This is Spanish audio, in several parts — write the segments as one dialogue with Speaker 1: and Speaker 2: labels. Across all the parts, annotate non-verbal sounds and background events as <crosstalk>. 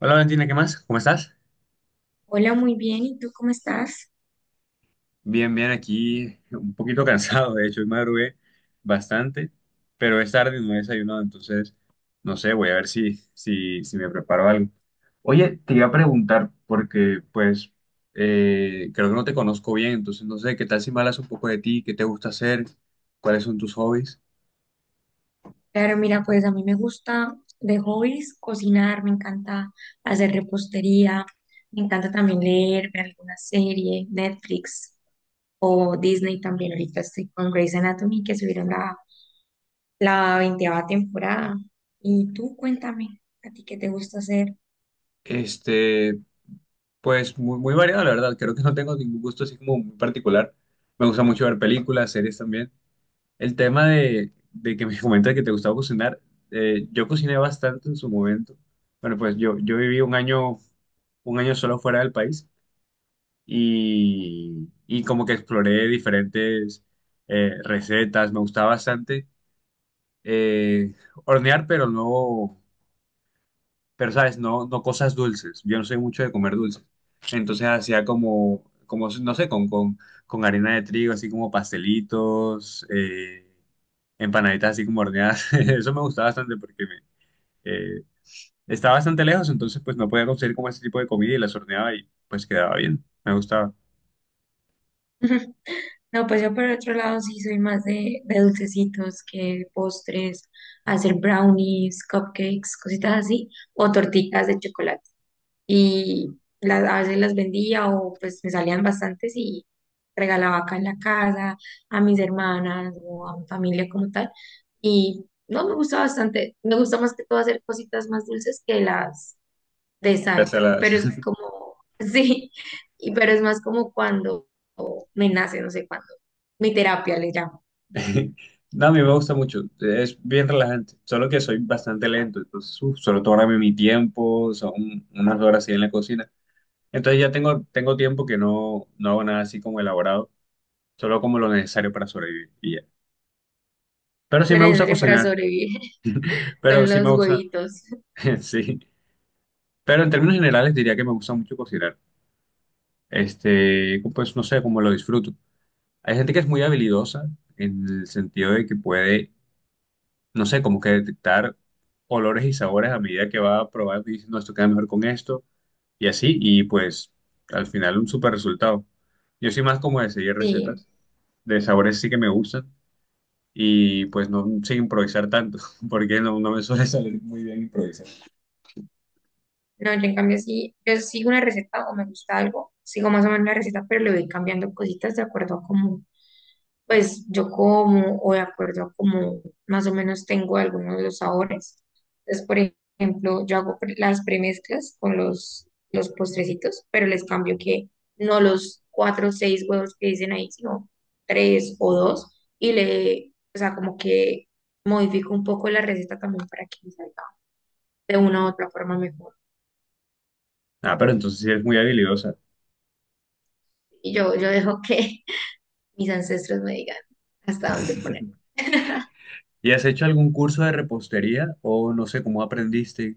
Speaker 1: Hola Valentina, ¿qué más? ¿Cómo estás?
Speaker 2: Hola, muy bien. ¿Y tú cómo estás?
Speaker 1: Bien, aquí un poquito <laughs> cansado, de hecho, hoy madrugué bastante, pero es tarde y no he desayunado, entonces, no sé, voy a ver si me preparo algo. Oye, te iba a preguntar, porque pues creo que no te conozco bien, entonces no sé, ¿qué tal si me hablas un poco de ti? ¿Qué te gusta hacer? ¿Cuáles son tus hobbies?
Speaker 2: Claro, mira, pues a mí me gusta de hobbies cocinar, me encanta hacer repostería, me encanta también leer, ver alguna serie, Netflix o Disney también. Ahorita estoy con Grey's Anatomy que subieron la veinteava temporada. Y tú cuéntame, ¿a ti qué te gusta hacer?
Speaker 1: Este, pues muy variado, la verdad, creo que no tengo ningún gusto así como muy particular. Me gusta mucho ver películas, series también. El tema de que me <laughs> comentas que te gustaba cocinar, yo cociné bastante en su momento. Bueno, pues yo viví un año solo fuera del país y como que exploré diferentes recetas. Me gustaba bastante eh, hornear, pero no, pero sabes, no, no cosas dulces. Yo no soy mucho de comer dulces. Entonces hacía como, como no sé, con harina de trigo, así como pastelitos, empanaditas así como horneadas. <laughs> Eso me gustaba bastante porque me, eh, estaba bastante lejos, entonces pues no podía conseguir como ese tipo de comida y las horneaba y pues quedaba bien. Me gustaba.
Speaker 2: <laughs> No, pues yo por otro lado sí soy más de dulcecitos que postres, hacer brownies, cupcakes, cositas así, o tortitas de chocolate. Y a veces las vendía o pues me salían bastantes y regalaba acá en la casa a mis hermanas o a mi familia como tal. Y no, me gusta bastante, me gusta más que todo hacer cositas más dulces que las de sal,
Speaker 1: Las saladas.
Speaker 2: pero es como, <laughs> sí, pero es más como cuando me nace, no sé cuándo, mi terapia le llamo,
Speaker 1: <laughs> No, a mí me gusta mucho, es bien relajante, solo que soy bastante lento, entonces uf, solo tómame mi tiempo, son unas horas ahí en la cocina. Entonces ya tengo tiempo que no, no hago nada así como elaborado, solo como lo necesario para sobrevivir y ya. Pero sí
Speaker 2: lo
Speaker 1: me gusta
Speaker 2: necesario para
Speaker 1: cocinar,
Speaker 2: sobrevivir <laughs>
Speaker 1: pero
Speaker 2: son
Speaker 1: sí me
Speaker 2: los
Speaker 1: gusta,
Speaker 2: huevitos,
Speaker 1: <laughs> sí. Pero en términos generales diría que me gusta mucho cocinar. Pues no sé, como lo disfruto. Hay gente que es muy habilidosa en el sentido de que puede, no sé, como que detectar olores y sabores a medida que va probando y dice, no, esto queda mejor con esto y así, y pues al final un super resultado. Yo soy más como de seguir
Speaker 2: sí.
Speaker 1: recetas, de sabores sí que me gustan y pues no sin improvisar tanto, <laughs> porque no, no me suele salir muy bien improvisar.
Speaker 2: No, yo en cambio sí, yo sigo una receta o me gusta algo, sigo más o menos la receta, pero le voy cambiando cositas de acuerdo a cómo, pues yo como o de acuerdo a cómo más o menos tengo algunos de los sabores. Entonces, por ejemplo, yo hago las premezclas con los postrecitos, pero les cambio que no los cuatro o seis huevos que dicen ahí, sino tres o dos, y le, o sea, como que modifico un poco la receta también para que me salga de una u otra forma mejor.
Speaker 1: Ah, pero entonces sí eres muy habilidosa.
Speaker 2: Y yo dejo que mis ancestros me digan hasta dónde poner.
Speaker 1: <laughs>
Speaker 2: <laughs>
Speaker 1: ¿Y has hecho algún curso de repostería o no sé cómo aprendiste?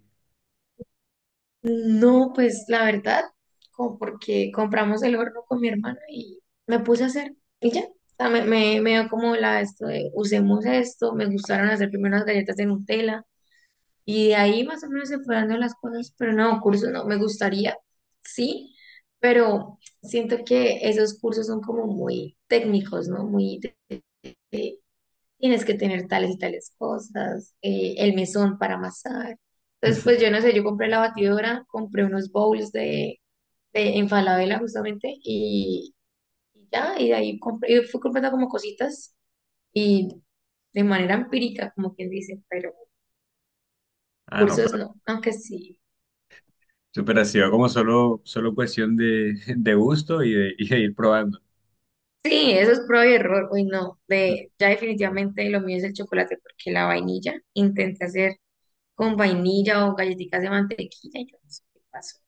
Speaker 2: No, pues la verdad, como porque compramos el horno con mi hermana y me puse a hacer y ya. O sea, me dio como la esto de usemos esto, me gustaron hacer primero unas galletas de Nutella y de ahí más o menos se fueron dando las cosas, pero no, cursos no, me gustaría, sí, pero siento que esos cursos son como muy técnicos, ¿no? Muy de- de- tienes que tener tales y tales cosas, el mesón para amasar. Entonces, pues yo no
Speaker 1: <laughs>
Speaker 2: sé, yo compré la batidora, compré unos bowls de en Falabella justamente y ya, y de ahí compré, y fui comprando como cositas y de manera empírica, como quien dice, pero
Speaker 1: Ah, no,
Speaker 2: cursos no, aunque sí.
Speaker 1: pero ha sido como solo cuestión de, <laughs> de gusto y de ir probando.
Speaker 2: Sí, eso es prueba y error, uy no, de, ya definitivamente lo mío es el chocolate porque la vainilla, intenté hacer con vainilla o galletitas de mantequilla y yo no sé qué pasó.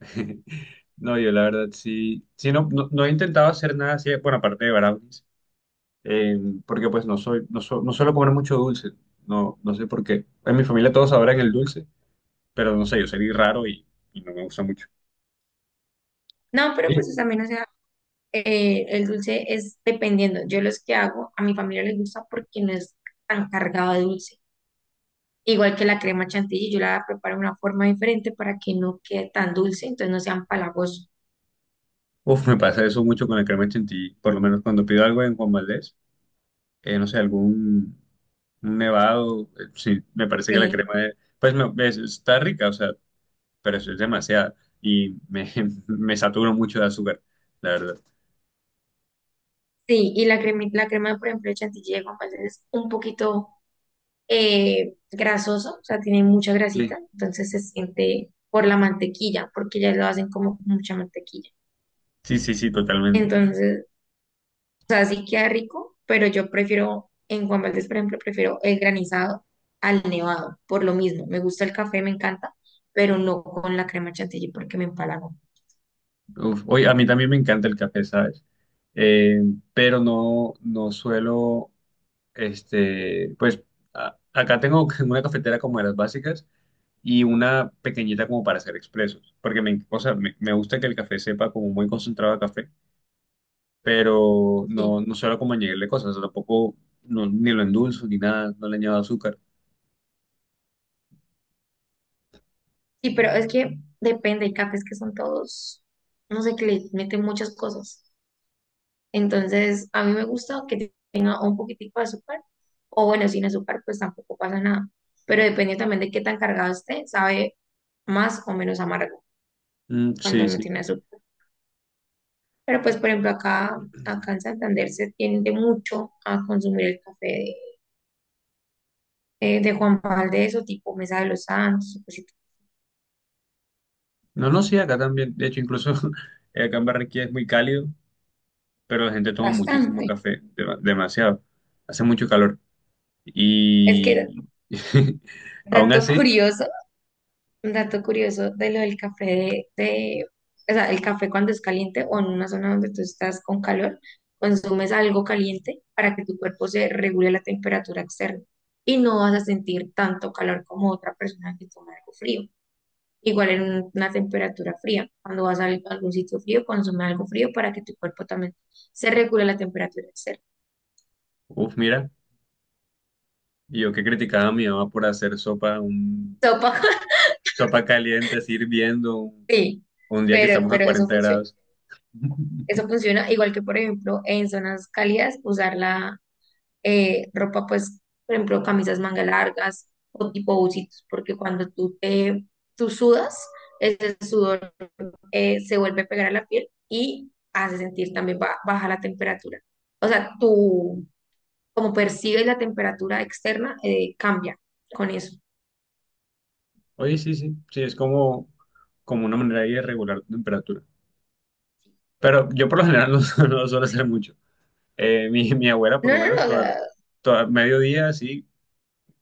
Speaker 1: <laughs> No, yo la verdad sí, sí no, no, no he intentado hacer nada así, bueno, aparte de brownies, eh, porque pues no soy, no, so- no suelo comer mucho dulce, no, no sé por qué. En mi familia todos adoran el dulce, pero no sé, yo salí raro y no me gusta mucho.
Speaker 2: No, pero
Speaker 1: Sí.
Speaker 2: pues eso también el dulce es dependiendo. Yo los que hago, a mi familia les gusta porque no es tan cargado de dulce. Igual que la crema chantilly, yo la preparo de una forma diferente para que no quede tan dulce, entonces no sean palagosos.
Speaker 1: Uf, me pasa eso mucho con el crema chantilly, por lo menos cuando pido algo en Juan Valdez, no sé, algún un nevado, sí, me parece que la
Speaker 2: Sí,
Speaker 1: crema es, pues no, es- está rica, o sea, pero eso es demasiada y me, <laughs> me saturo mucho de azúcar, la verdad.
Speaker 2: sí, y la crema, por ejemplo, de chantilly de Juan Valdez es un poquito grasoso, o sea, tiene mucha
Speaker 1: Sí,
Speaker 2: grasita, entonces se siente por la mantequilla, porque ya lo hacen como con mucha mantequilla.
Speaker 1: sí, sí, sí, totalmente.
Speaker 2: Entonces O sea, sí queda rico, pero yo prefiero, en Juan Valdez, por ejemplo, prefiero el granizado al nevado, por lo mismo. Me gusta el café, me encanta, pero no con la crema chantilly porque me empalago.
Speaker 1: Uf, oye, a mí también me encanta el café, ¿sabes? Eh, pero no, no suelo, pues a- acá tengo <laughs> una cafetera como de las básicas y una pequeñita como para hacer expresos, porque me, o sea, me gusta que el café sepa como muy concentrado a café, pero no,
Speaker 2: Sí.
Speaker 1: no suelo como añadirle cosas, o sea, tampoco no- ni lo endulzo ni nada, no le añado azúcar.
Speaker 2: Sí, pero es que depende, hay cafés que son todos, no sé, que le meten muchas cosas. Entonces, a mí me gusta que tenga un poquitico de azúcar, o bueno, sin azúcar, pues tampoco pasa nada. Pero depende también de qué tan cargado esté, sabe más o menos amargo
Speaker 1: Mm,
Speaker 2: cuando
Speaker 1: sí,
Speaker 2: no
Speaker 1: sí.
Speaker 2: tiene azúcar. Pero pues, por ejemplo, acá en Santander se tiende mucho a consumir el café de Juan Valdez o tipo Mesa de los Santos, pues,
Speaker 1: No, no, sí, acá también, de hecho, incluso <laughs> acá en Barranquilla es muy cálido, pero la gente toma muchísimo
Speaker 2: bastante.
Speaker 1: café, dema- demasiado, hace mucho calor
Speaker 2: Es que,
Speaker 1: y <laughs> aún
Speaker 2: dato
Speaker 1: así,
Speaker 2: curioso, un dato curioso de lo del café o sea, el café cuando es caliente o en una zona donde tú estás con calor, consumes algo caliente para que tu cuerpo se regule la temperatura externa y no vas a sentir tanto calor como otra persona que toma algo frío. Igual en una temperatura fría. Cuando vas a algún sitio frío, consume algo frío para que tu cuerpo también se regule la temperatura externa.
Speaker 1: uff, mira, yo que criticaba a mi mamá por hacer sopa un
Speaker 2: Sopa, <laughs>
Speaker 1: Sopa caliente, así hirviendo,
Speaker 2: sí,
Speaker 1: un día que
Speaker 2: pero,
Speaker 1: estamos a
Speaker 2: pero eso
Speaker 1: 40
Speaker 2: funciona.
Speaker 1: grados.
Speaker 2: Eso
Speaker 1: <laughs>
Speaker 2: funciona igual que, por ejemplo, en zonas cálidas, usar la ropa, pues, por ejemplo, camisas manga largas o tipo bucitos, porque cuando tú sudas, ese sudor se vuelve a pegar a la piel y hace sentir también baja la temperatura. O sea, tu como percibes la temperatura externa, cambia con eso.
Speaker 1: Oye, sí, sí, sí, es como, como una manera ahí de regular la temperatura. Pero yo por lo general no, su- <laughs> no suelo hacer mucho. Mi abuela, por
Speaker 2: No,
Speaker 1: lo
Speaker 2: no,
Speaker 1: menos,
Speaker 2: no, o sea,
Speaker 1: toda, toda mediodía, así,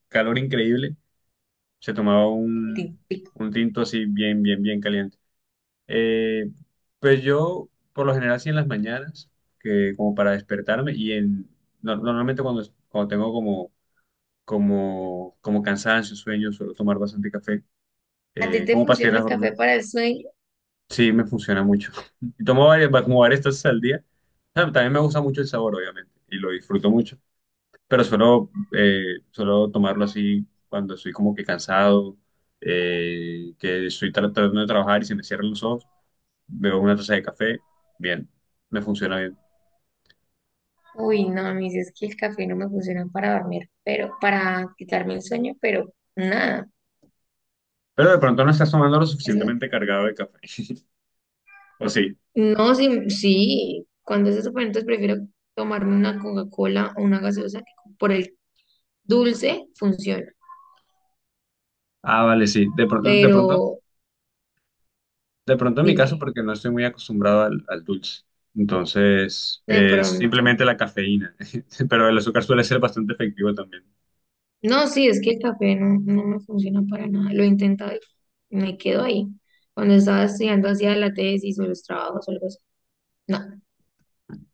Speaker 1: calor increíble, se tomaba
Speaker 2: tic, tic.
Speaker 1: un tinto así bien caliente. Eh, pues yo, por lo general, así en las mañanas, que como para despertarme y en, no- normalmente cuando, cuando tengo como como, como cansancio, sueño, suelo tomar bastante café.
Speaker 2: ¿A ti te
Speaker 1: ¿Como para seguir
Speaker 2: funciona
Speaker 1: la
Speaker 2: el café
Speaker 1: jornada?
Speaker 2: para el sueño?
Speaker 1: Sí, me funciona mucho. <laughs> Y tomo varias, va- como varias tazas al día. Ah, también me gusta mucho el sabor, obviamente, y lo disfruto mucho, pero suelo, suelo tomarlo así cuando estoy como que cansado, que estoy tra- tratando de trabajar y se me cierran los ojos, bebo una taza de café, bien, me funciona bien.
Speaker 2: Uy, no, a mí sí es que el café no me funciona para dormir, pero para quitarme el sueño, pero nada.
Speaker 1: Pero de pronto no estás tomando lo
Speaker 2: Eso-
Speaker 1: suficientemente cargado de café, <laughs> ¿o sí?
Speaker 2: no, sí, sí, cuando es eso, pues, entonces prefiero tomarme una Coca-Cola o una gaseosa que por el dulce funciona,
Speaker 1: Ah, vale, sí, de, pronto- de pronto
Speaker 2: pero
Speaker 1: de pronto en mi caso,
Speaker 2: dime,
Speaker 1: porque no estoy muy acostumbrado al, al dulce. Entonces,
Speaker 2: de
Speaker 1: es
Speaker 2: pronto.
Speaker 1: simplemente la cafeína. <laughs> Pero el azúcar suele ser bastante efectivo también.
Speaker 2: No, sí, es que el café no me funciona para nada. Lo he intentado y me quedo ahí. Cuando estaba estudiando hacía la tesis o los trabajos o algo así. No,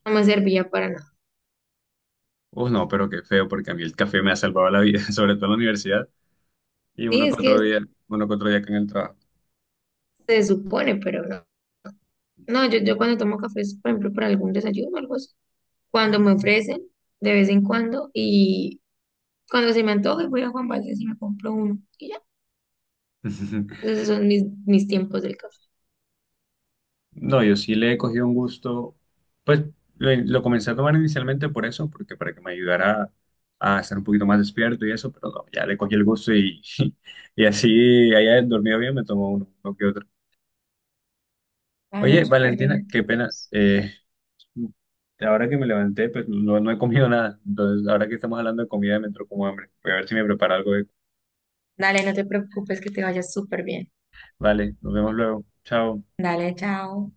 Speaker 2: no me servía para nada.
Speaker 1: Uf, no, pero qué feo, porque a mí el café me ha salvado la vida, <laughs> sobre todo en la universidad. Y
Speaker 2: Sí,
Speaker 1: uno
Speaker 2: es
Speaker 1: que
Speaker 2: que
Speaker 1: otro día, uno que otro día acá en el trabajo.
Speaker 2: se supone, pero no. No, yo cuando tomo café es, por ejemplo, para algún desayuno o algo así. Cuando me ofrecen, de vez en cuando, y cuando se me antoje voy a Juan Valdez y me compro uno. Y ya,
Speaker 1: <laughs>
Speaker 2: esos son mis tiempos del café.
Speaker 1: No, yo sí le he cogido un gusto. Pues lo comencé a tomar inicialmente por eso, porque para que me ayudara a estar un poquito más despierto y eso, pero no, ya le cogí el gusto y, <laughs> y así haya dormido bien, me tomo uno, uno que otro.
Speaker 2: Ah, no,
Speaker 1: Oye,
Speaker 2: súper
Speaker 1: Valentina,
Speaker 2: bien.
Speaker 1: qué pena. Ahora que me levanté, pues no, no he comido nada. Entonces, ahora que estamos hablando de comida, me entró como hambre. Voy a ver si me preparo algo. De-
Speaker 2: Dale, no te preocupes que te vaya súper bien.
Speaker 1: Vale, nos vemos luego. Chao.
Speaker 2: Dale, chao.